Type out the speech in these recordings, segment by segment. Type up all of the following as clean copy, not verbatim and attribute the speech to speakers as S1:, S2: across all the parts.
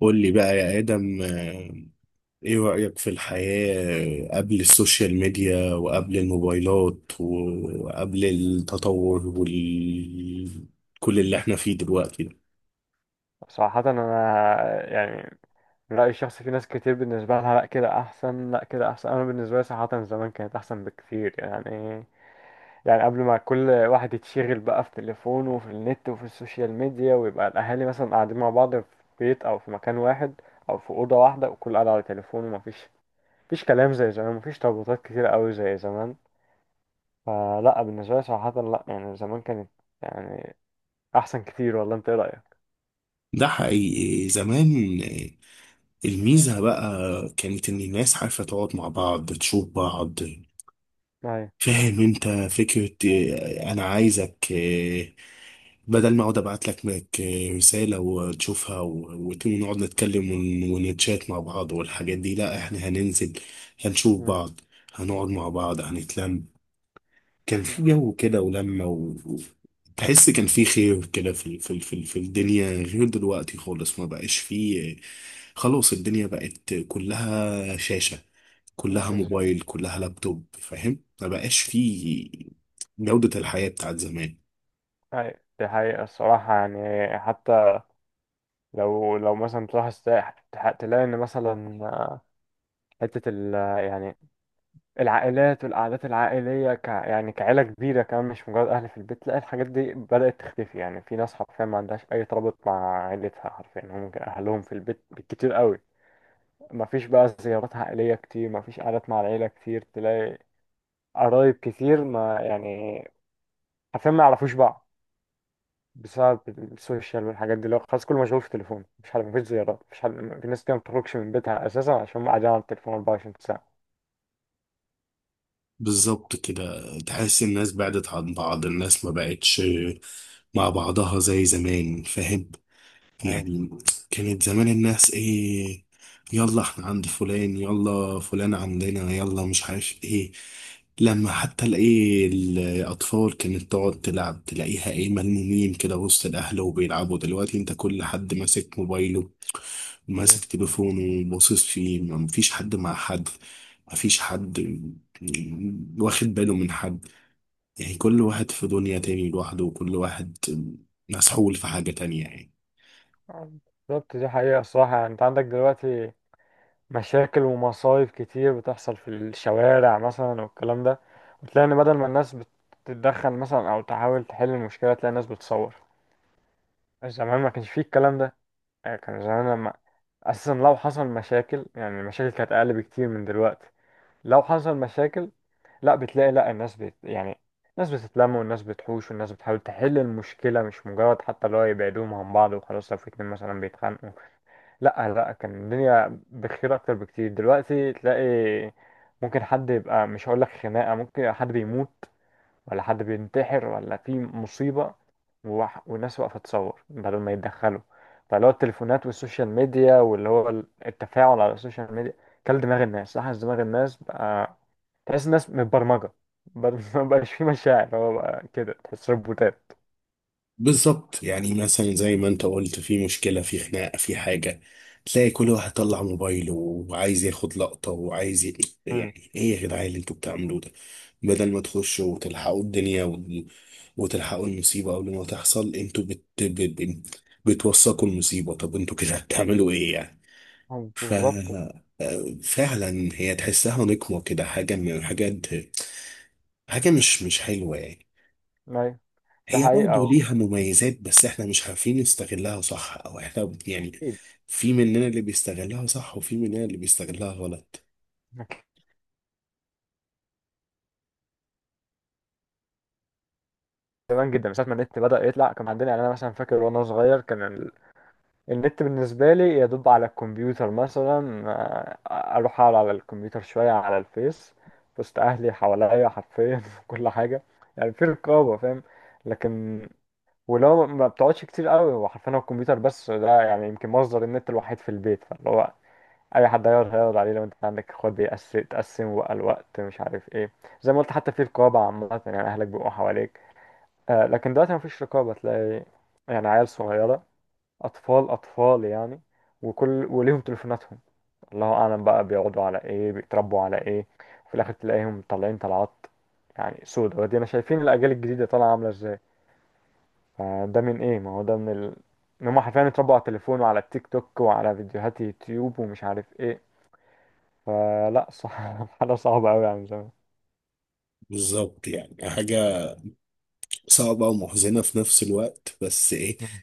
S1: قول لي بقى يا آدم إيه رأيك في الحياة قبل السوشيال ميديا وقبل الموبايلات وقبل التطور وال كل اللي احنا فيه دلوقتي ده.
S2: صراحة أنا، يعني من رأيي الشخصي، في ناس كتير بالنسبة لها لأ كده أحسن، لأ كده أحسن. أنا بالنسبة لي صراحة زمان كانت أحسن بكتير يعني قبل ما كل واحد يتشغل بقى في تليفونه وفي النت وفي السوشيال ميديا، ويبقى الأهالي مثلا قاعدين مع بعض في بيت أو في مكان واحد، أو في أوضة واحدة، وكل قاعد على تليفونه، ومفيش كلام زي زمان، مفيش ترابطات كتير أوي زي زمان. فلأ بالنسبة لي صراحة لأ، يعني زمان كانت، يعني، أحسن كتير والله. أنت إيه رأيك؟
S1: ده حقيقي زمان، الميزة بقى كانت إن الناس عارفة تقعد مع بعض تشوف بعض.
S2: أيوة.
S1: فاهم انت فكرة؟ انا عايزك، بدل ما اقعد ابعت لك رسالة وتشوفها ونقعد نتكلم ونتشات مع بعض والحاجات دي، لا احنا هننزل، هنشوف
S2: مم.
S1: بعض، هنقعد مع بعض، هنتلم. كان في جو كده ولمة و- تحس كان في خير كده في الدنيا، غير دلوقتي خالص. ما بقاش فيه، خلاص الدنيا بقت كلها شاشة، كلها
S2: بالظبط.
S1: موبايل، كلها لابتوب. فاهم؟ ما بقاش فيه جودة الحياة بتاعت زمان.
S2: هاي دي حقيقة الصراحة، يعني حتى لو مثلا تروح الساحل، تلاقي إن مثلا حتة ال يعني العائلات والقعدات العائلية، يعني كعيلة كبيرة كمان، مش مجرد أهل في البيت، تلاقي الحاجات دي بدأت تختفي. يعني في ناس حرفيا ما عندهاش أي ترابط مع عيلتها، حرفيا هم ممكن أهلهم في البيت بالكتير قوي. مفيش بقى زيارات عائلية كتير، مفيش قعدات مع العيلة كتير، تلاقي قرايب كتير ما يعني حرفيا ما يعرفوش بعض، بسبب السوشيال والحاجات دي، اللي هو خلاص كله مشغول في التليفون، مفيش حد، مفيش زيارات، مفيش حد. في ناس كده ما بتخرجش من بيتها اساسا عشان هم قاعدين على التليفون 24 ساعة.
S1: بالظبط كده، تحس الناس بعدت عن بعض، الناس ما بقتش مع بعضها زي زمان. فاهم
S2: أيوة.
S1: يعني؟ كانت زمان الناس ايه، يلا احنا عند فلان، يلا فلان عندنا، يلا مش عارف ايه. لما حتى الايه الاطفال كانت تقعد تلعب، تلاقيها ايه، ملمومين كده وسط الاهل وبيلعبوا. دلوقتي انت كل حد ماسك موبايله،
S2: مم.
S1: ماسك تليفونه باصص فيه. مفيش حد مع حد، مفيش حد واخد باله من حد. يعني كل واحد في دنيا تاني لوحده، وكل واحد مسحول في حاجة تانية يعني.
S2: بالظبط. دي حقيقة الصراحة. يعني انت عندك دلوقتي مشاكل ومصايب كتير بتحصل في الشوارع مثلا والكلام ده، وتلاقي ان بدل ما الناس بتتدخل مثلا او تحاول تحل المشكلة، تلاقي الناس بتصور. زمان ما كانش فيه الكلام ده. يعني كان زمان لما اساسا لو حصل مشاكل، يعني المشاكل كانت اقل بكتير من دلوقتي. لو حصل مشاكل، لا بتلاقي لا الناس بت، يعني، الناس بتتلم، والناس بتحوش، والناس بتحاول تحل المشكلة، مش مجرد حتى اللي هو يبعدوهم عن بعض وخلاص لو في اتنين مثلا بيتخانقوا. لا لا، كان الدنيا بخير أكتر بكتير. دلوقتي تلاقي ممكن حد يبقى، مش هقول لك خناقة، ممكن يبقى حد بيموت، ولا حد بينتحر، ولا في مصيبة، والناس واقفة تصور بدل ما يتدخلوا. فاللي هو التليفونات والسوشيال ميديا، واللي هو التفاعل على السوشيال ميديا، كل دماغ الناس، لاحظ دماغ الناس بقى، تحس الناس متبرمجة. بدل ما بقاش فيه مشاعر، هو بقى كده تحس روبوتات.
S1: بالظبط، يعني مثلا زي ما انت قلت، في مشكلة، في خناقة، في حاجة، تلاقي كل واحد طلع موبايله وعايز ياخد لقطة وعايز
S2: امم
S1: يعني ايه يا جدعان اللي انتوا بتعملوه ده؟ بدل ما تخشوا وتلحقوا الدنيا وتلحقوا المصيبة قبل ما تحصل، انتوا ب... بتوثقوا المصيبة. طب انتوا كده هتعملوا ايه يعني؟ ف
S2: بالظبط.
S1: آه، فعلا، هي تحسها نقمة كده، حاجة من الحاجات، حاجة مش حلوة يعني.
S2: أيوة. ده
S1: هي
S2: حقيقة.
S1: برضه ليها مميزات، بس احنا مش عارفين نستغلها صح، او احنا يعني،
S2: أكيد.
S1: في مننا اللي بيستغلها صح وفي مننا اللي بيستغلها غلط.
S2: زمان جدا من ساعة ما النت بدأ يطلع كان عندنا، يعني أنا مثلا فاكر وأنا صغير، كان النت بالنسبة لي يدوب على الكمبيوتر، مثلا أروح أقعد على الكمبيوتر شوية على الفيس، وسط أهلي حواليا حرفيا في كل حاجة، يعني في رقابة، فاهم. لكن ولو ما بتقعدش كتير قوي، هو حرفيا هو الكمبيوتر بس ده، يعني يمكن مصدر النت الوحيد في البيت، فاللي هو اي حد هيقعد، عليه لو انت عندك اخوات، بيقسم تقسم بقى الوقت، مش عارف ايه. زي ما قلت، حتى في رقابه عامه، يعني اهلك بيبقوا حواليك. آه، لكن دلوقتي مفيش رقابه. تلاقي يعني عيال صغيره، اطفال اطفال يعني، وكل وليهم تليفوناتهم. الله اعلم بقى بيقعدوا على ايه، بيتربوا على ايه. وفي الاخر تلاقيهم طالعين طلعات يعني سودا ودينا. شايفين الاجيال الجديده طالعه عامله ازاي. فده من ايه؟ ما هو ده من ان هم حرفيا اتربوا على التليفون، وعلى التيك توك، وعلى فيديوهات يوتيوب، ومش عارف ايه. فلا صح، حاجة صعبة أوي عن زمان.
S1: بالظبط، يعني حاجة صعبة ومحزنة في نفس الوقت. بس ايه
S2: مم.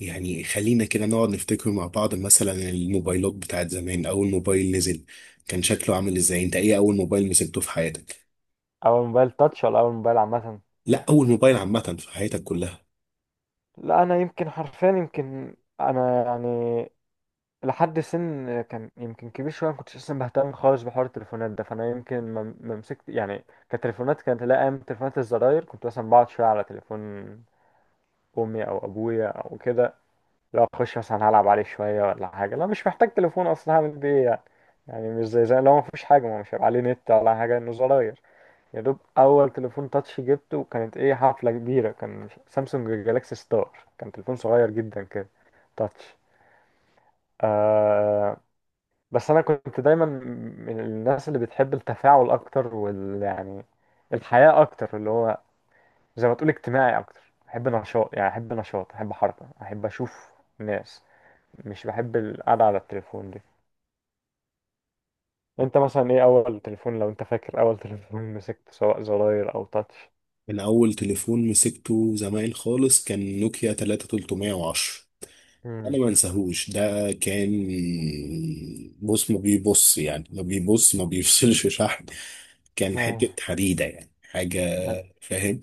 S1: يعني، خلينا كده نقعد نفتكر مع بعض. مثلا الموبايلات بتاعت زمان، أول موبايل نزل كان شكله عامل إزاي؟ أنت إيه أول موبايل مسكته في حياتك؟
S2: أول موبايل تاتش ولا أول موبايل عامة؟
S1: لا أول موبايل عامة في حياتك كلها.
S2: لا أنا يمكن حرفيا، يمكن أنا يعني لحد سن كان يمكن كبير شوية ما كنتش أصلا بهتم خالص بحوار التليفونات ده، فأنا يمكن ما مسكت يعني، كتليفونات كانت، لا أيام تليفونات الزراير كنت مثلا بقعد شوية على تليفون أمي أو أبويا أو كده، لو أخش مثلا هلعب عليه شوية ولا حاجة. لا مش محتاج تليفون أصلا. هعمل بيه إيه يعني؟ يعني مش زي لو مفيش حاجة، ما مش هيبقى عليه نت ولا حاجة، إنه زراير. يا دوب اول تليفون تاتش جبته، وكانت ايه حفله كبيره، كان سامسونج جالاكسي ستار. كان تليفون صغير جدا كده، تاتش. آه. بس انا كنت دايما من الناس اللي بتحب التفاعل اكتر، وال يعني الحياه اكتر، اللي هو زي ما تقول اجتماعي اكتر. احب نشاط، يعني احب نشاط، احب حركه، احب اشوف ناس. مش بحب القعده على التليفون دي. انت مثلا ايه اول تليفون، لو انت فاكر اول تليفون مسكته، سواء زراير او تاتش؟
S1: من أول تليفون مسكته زمان خالص كان نوكيا 3310. أنا ما انساهوش. ده كان، بص ما بيبص، يعني ما بيبص، ما بيفصلش شحن، كان حتة حديدة يعني، حاجة فاهم.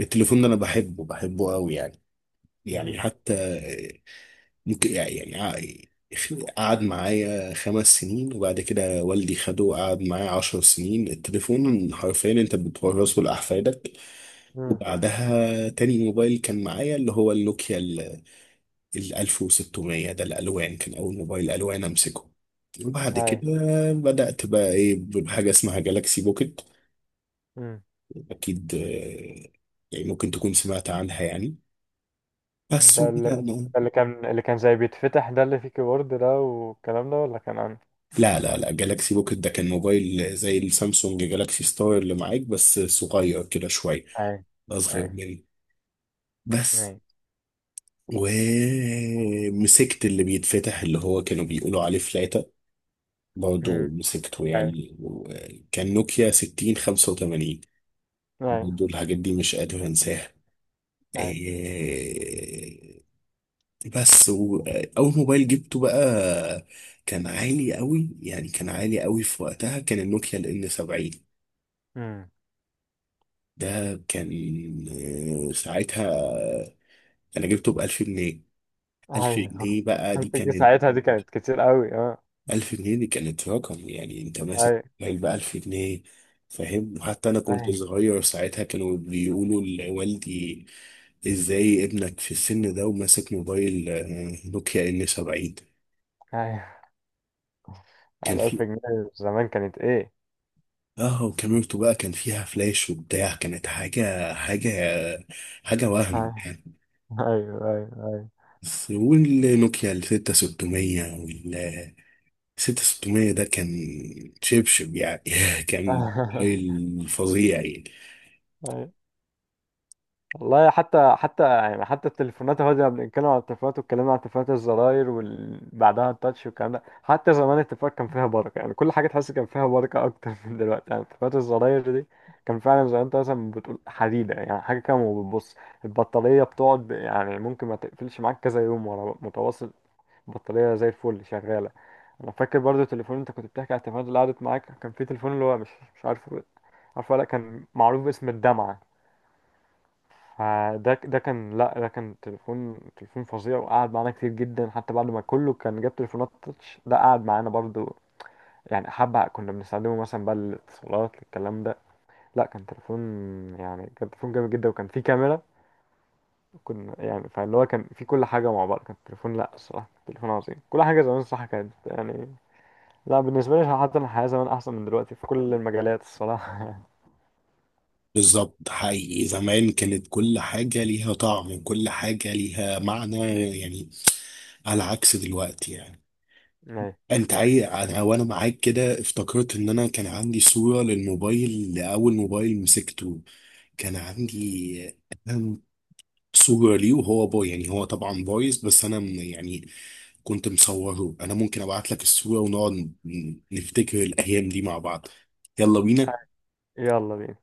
S1: التليفون ده أنا بحبه، بحبه قوي يعني. يعني
S2: امم
S1: حتى ممكن، يعني يعني قعد معايا 5 سنين، وبعد كده والدي خده قعد معايا 10 سنين. التليفون حرفيا انت بتورثه لأحفادك.
S2: امم
S1: وبعدها تاني موبايل كان معايا اللي هو النوكيا ال 1600 ده، الألوان، كان أول موبايل ألوان أمسكه. وبعد
S2: اي.
S1: كده بدأت بقى إيه بحاجة اسمها جالاكسي بوكيت.
S2: امم
S1: أكيد، يعني ممكن تكون سمعت عنها يعني. بس
S2: ده اللي، ده
S1: وبدأنا،
S2: اللي كان اللي كان زي بيتفتح ده، اللي فيه كيبورد ده والكلام ده، ولا كان عندي؟
S1: لا جالاكسي بوكيت ده كان موبايل زي السامسونج جالاكسي ستار اللي معاك، بس صغير كده شوية،
S2: اي.
S1: أصغر
S2: اي.
S1: مني بس.
S2: اي.
S1: ومسكت اللي بيتفتح اللي هو كانوا بيقولوا عليه فلاتة، برضه
S2: امم
S1: مسكته
S2: اي.
S1: يعني، كان نوكيا 6585،
S2: اي.
S1: برضه الحاجات دي مش قادر أنساها.
S2: اي.
S1: إيه، بس وأول موبايل جبته بقى كان عالي قوي يعني، كان عالي قوي في وقتها، كان النوكيا ال N70
S2: امم
S1: ده. كان، آه، ساعتها انا جبته ب 1000 جنيه. 1000
S2: اي.
S1: جنيه بقى دي
S2: ألف جنيه
S1: كانت،
S2: ساعتها دي كانت كتير قوي، اه.
S1: 1000 جنيه دي كانت رقم يعني، انت
S2: اي.
S1: ماسك علبة 1000 جنيه. فاهم؟ وحتى انا كنت
S2: اي.
S1: صغير ساعتها، كانوا بيقولوا لوالدي، ازاي ابنك في السن ده وماسك موبايل، آه، نوكيا ان 70؟
S2: اي.
S1: كان
S2: على ألف
S1: في
S2: جنيه زمان، كانت ايه.
S1: اه، وكاميرته بقى كان فيها فلاش وبتاع، كانت حاجة،
S2: اي.
S1: وهم يعني.
S2: ايوه، ايوه،
S1: والنوكيا ال 6600، ستة ستمية ده، كان شبشب يعني كان موبايل فظيع يعني.
S2: ايوه. والله، حتى يعني حتى التليفونات اهو، زي ما بنتكلم على التليفونات، واتكلمنا على تليفونات الزراير وبعدها التاتش والكلام ده. حتى زمان التليفونات كان فيها بركة، يعني كل حاجة تحس كان فيها بركة أكتر من دلوقتي. يعني تليفونات الزراير دي كان فعلا زي ما أنت مثلا بتقول حديدة، يعني حاجة كده. وبتبص البطارية بتقعد، يعني ممكن ما تقفلش معاك كذا يوم ورا متواصل. البطارية زي الفل شغالة. أنا فاكر برضو التليفون، أنت كنت بتحكي على التليفونات اللي قعدت معاك، كان في تليفون اللي هو مش عارفه، عارفه ولا لأ، كان معروف باسم الدمعة. فده، ده كان لا ده كان تليفون، فظيع. وقعد معانا كتير جدا، حتى بعد ما كله كان جاب تليفونات تاتش، ده قعد معانا برضو، يعني حبة كنا بنستخدمه مثلا بقى للاتصالات الكلام ده. لا كان تليفون، يعني كان تليفون جامد جدا وكان فيه كاميرا. كنا يعني، فاللي هو كان فيه كل حاجة مع بعض، كان التليفون، لا الصراحة تليفون عظيم. كل حاجة زمان الصراحة كانت يعني، لا، بالنسبة لي حتى الحياة زمان أحسن من دلوقتي في كل المجالات الصراحة.
S1: بالظبط، حقيقي زمان كانت كل حاجة ليها طعم، كل حاجة ليها معنى يعني، على عكس دلوقتي يعني.
S2: أيوة.
S1: انت انا وانا معاك كده افتكرت ان انا كان عندي صورة للموبايل، لأول موبايل مسكته. كان عندي صورة ليه وهو باي يعني، هو طبعا بايظ بس انا يعني كنت مصوره. انا ممكن ابعت لك الصورة ونقعد نفتكر الايام دي مع بعض. يلا بينا.
S2: يلا بينا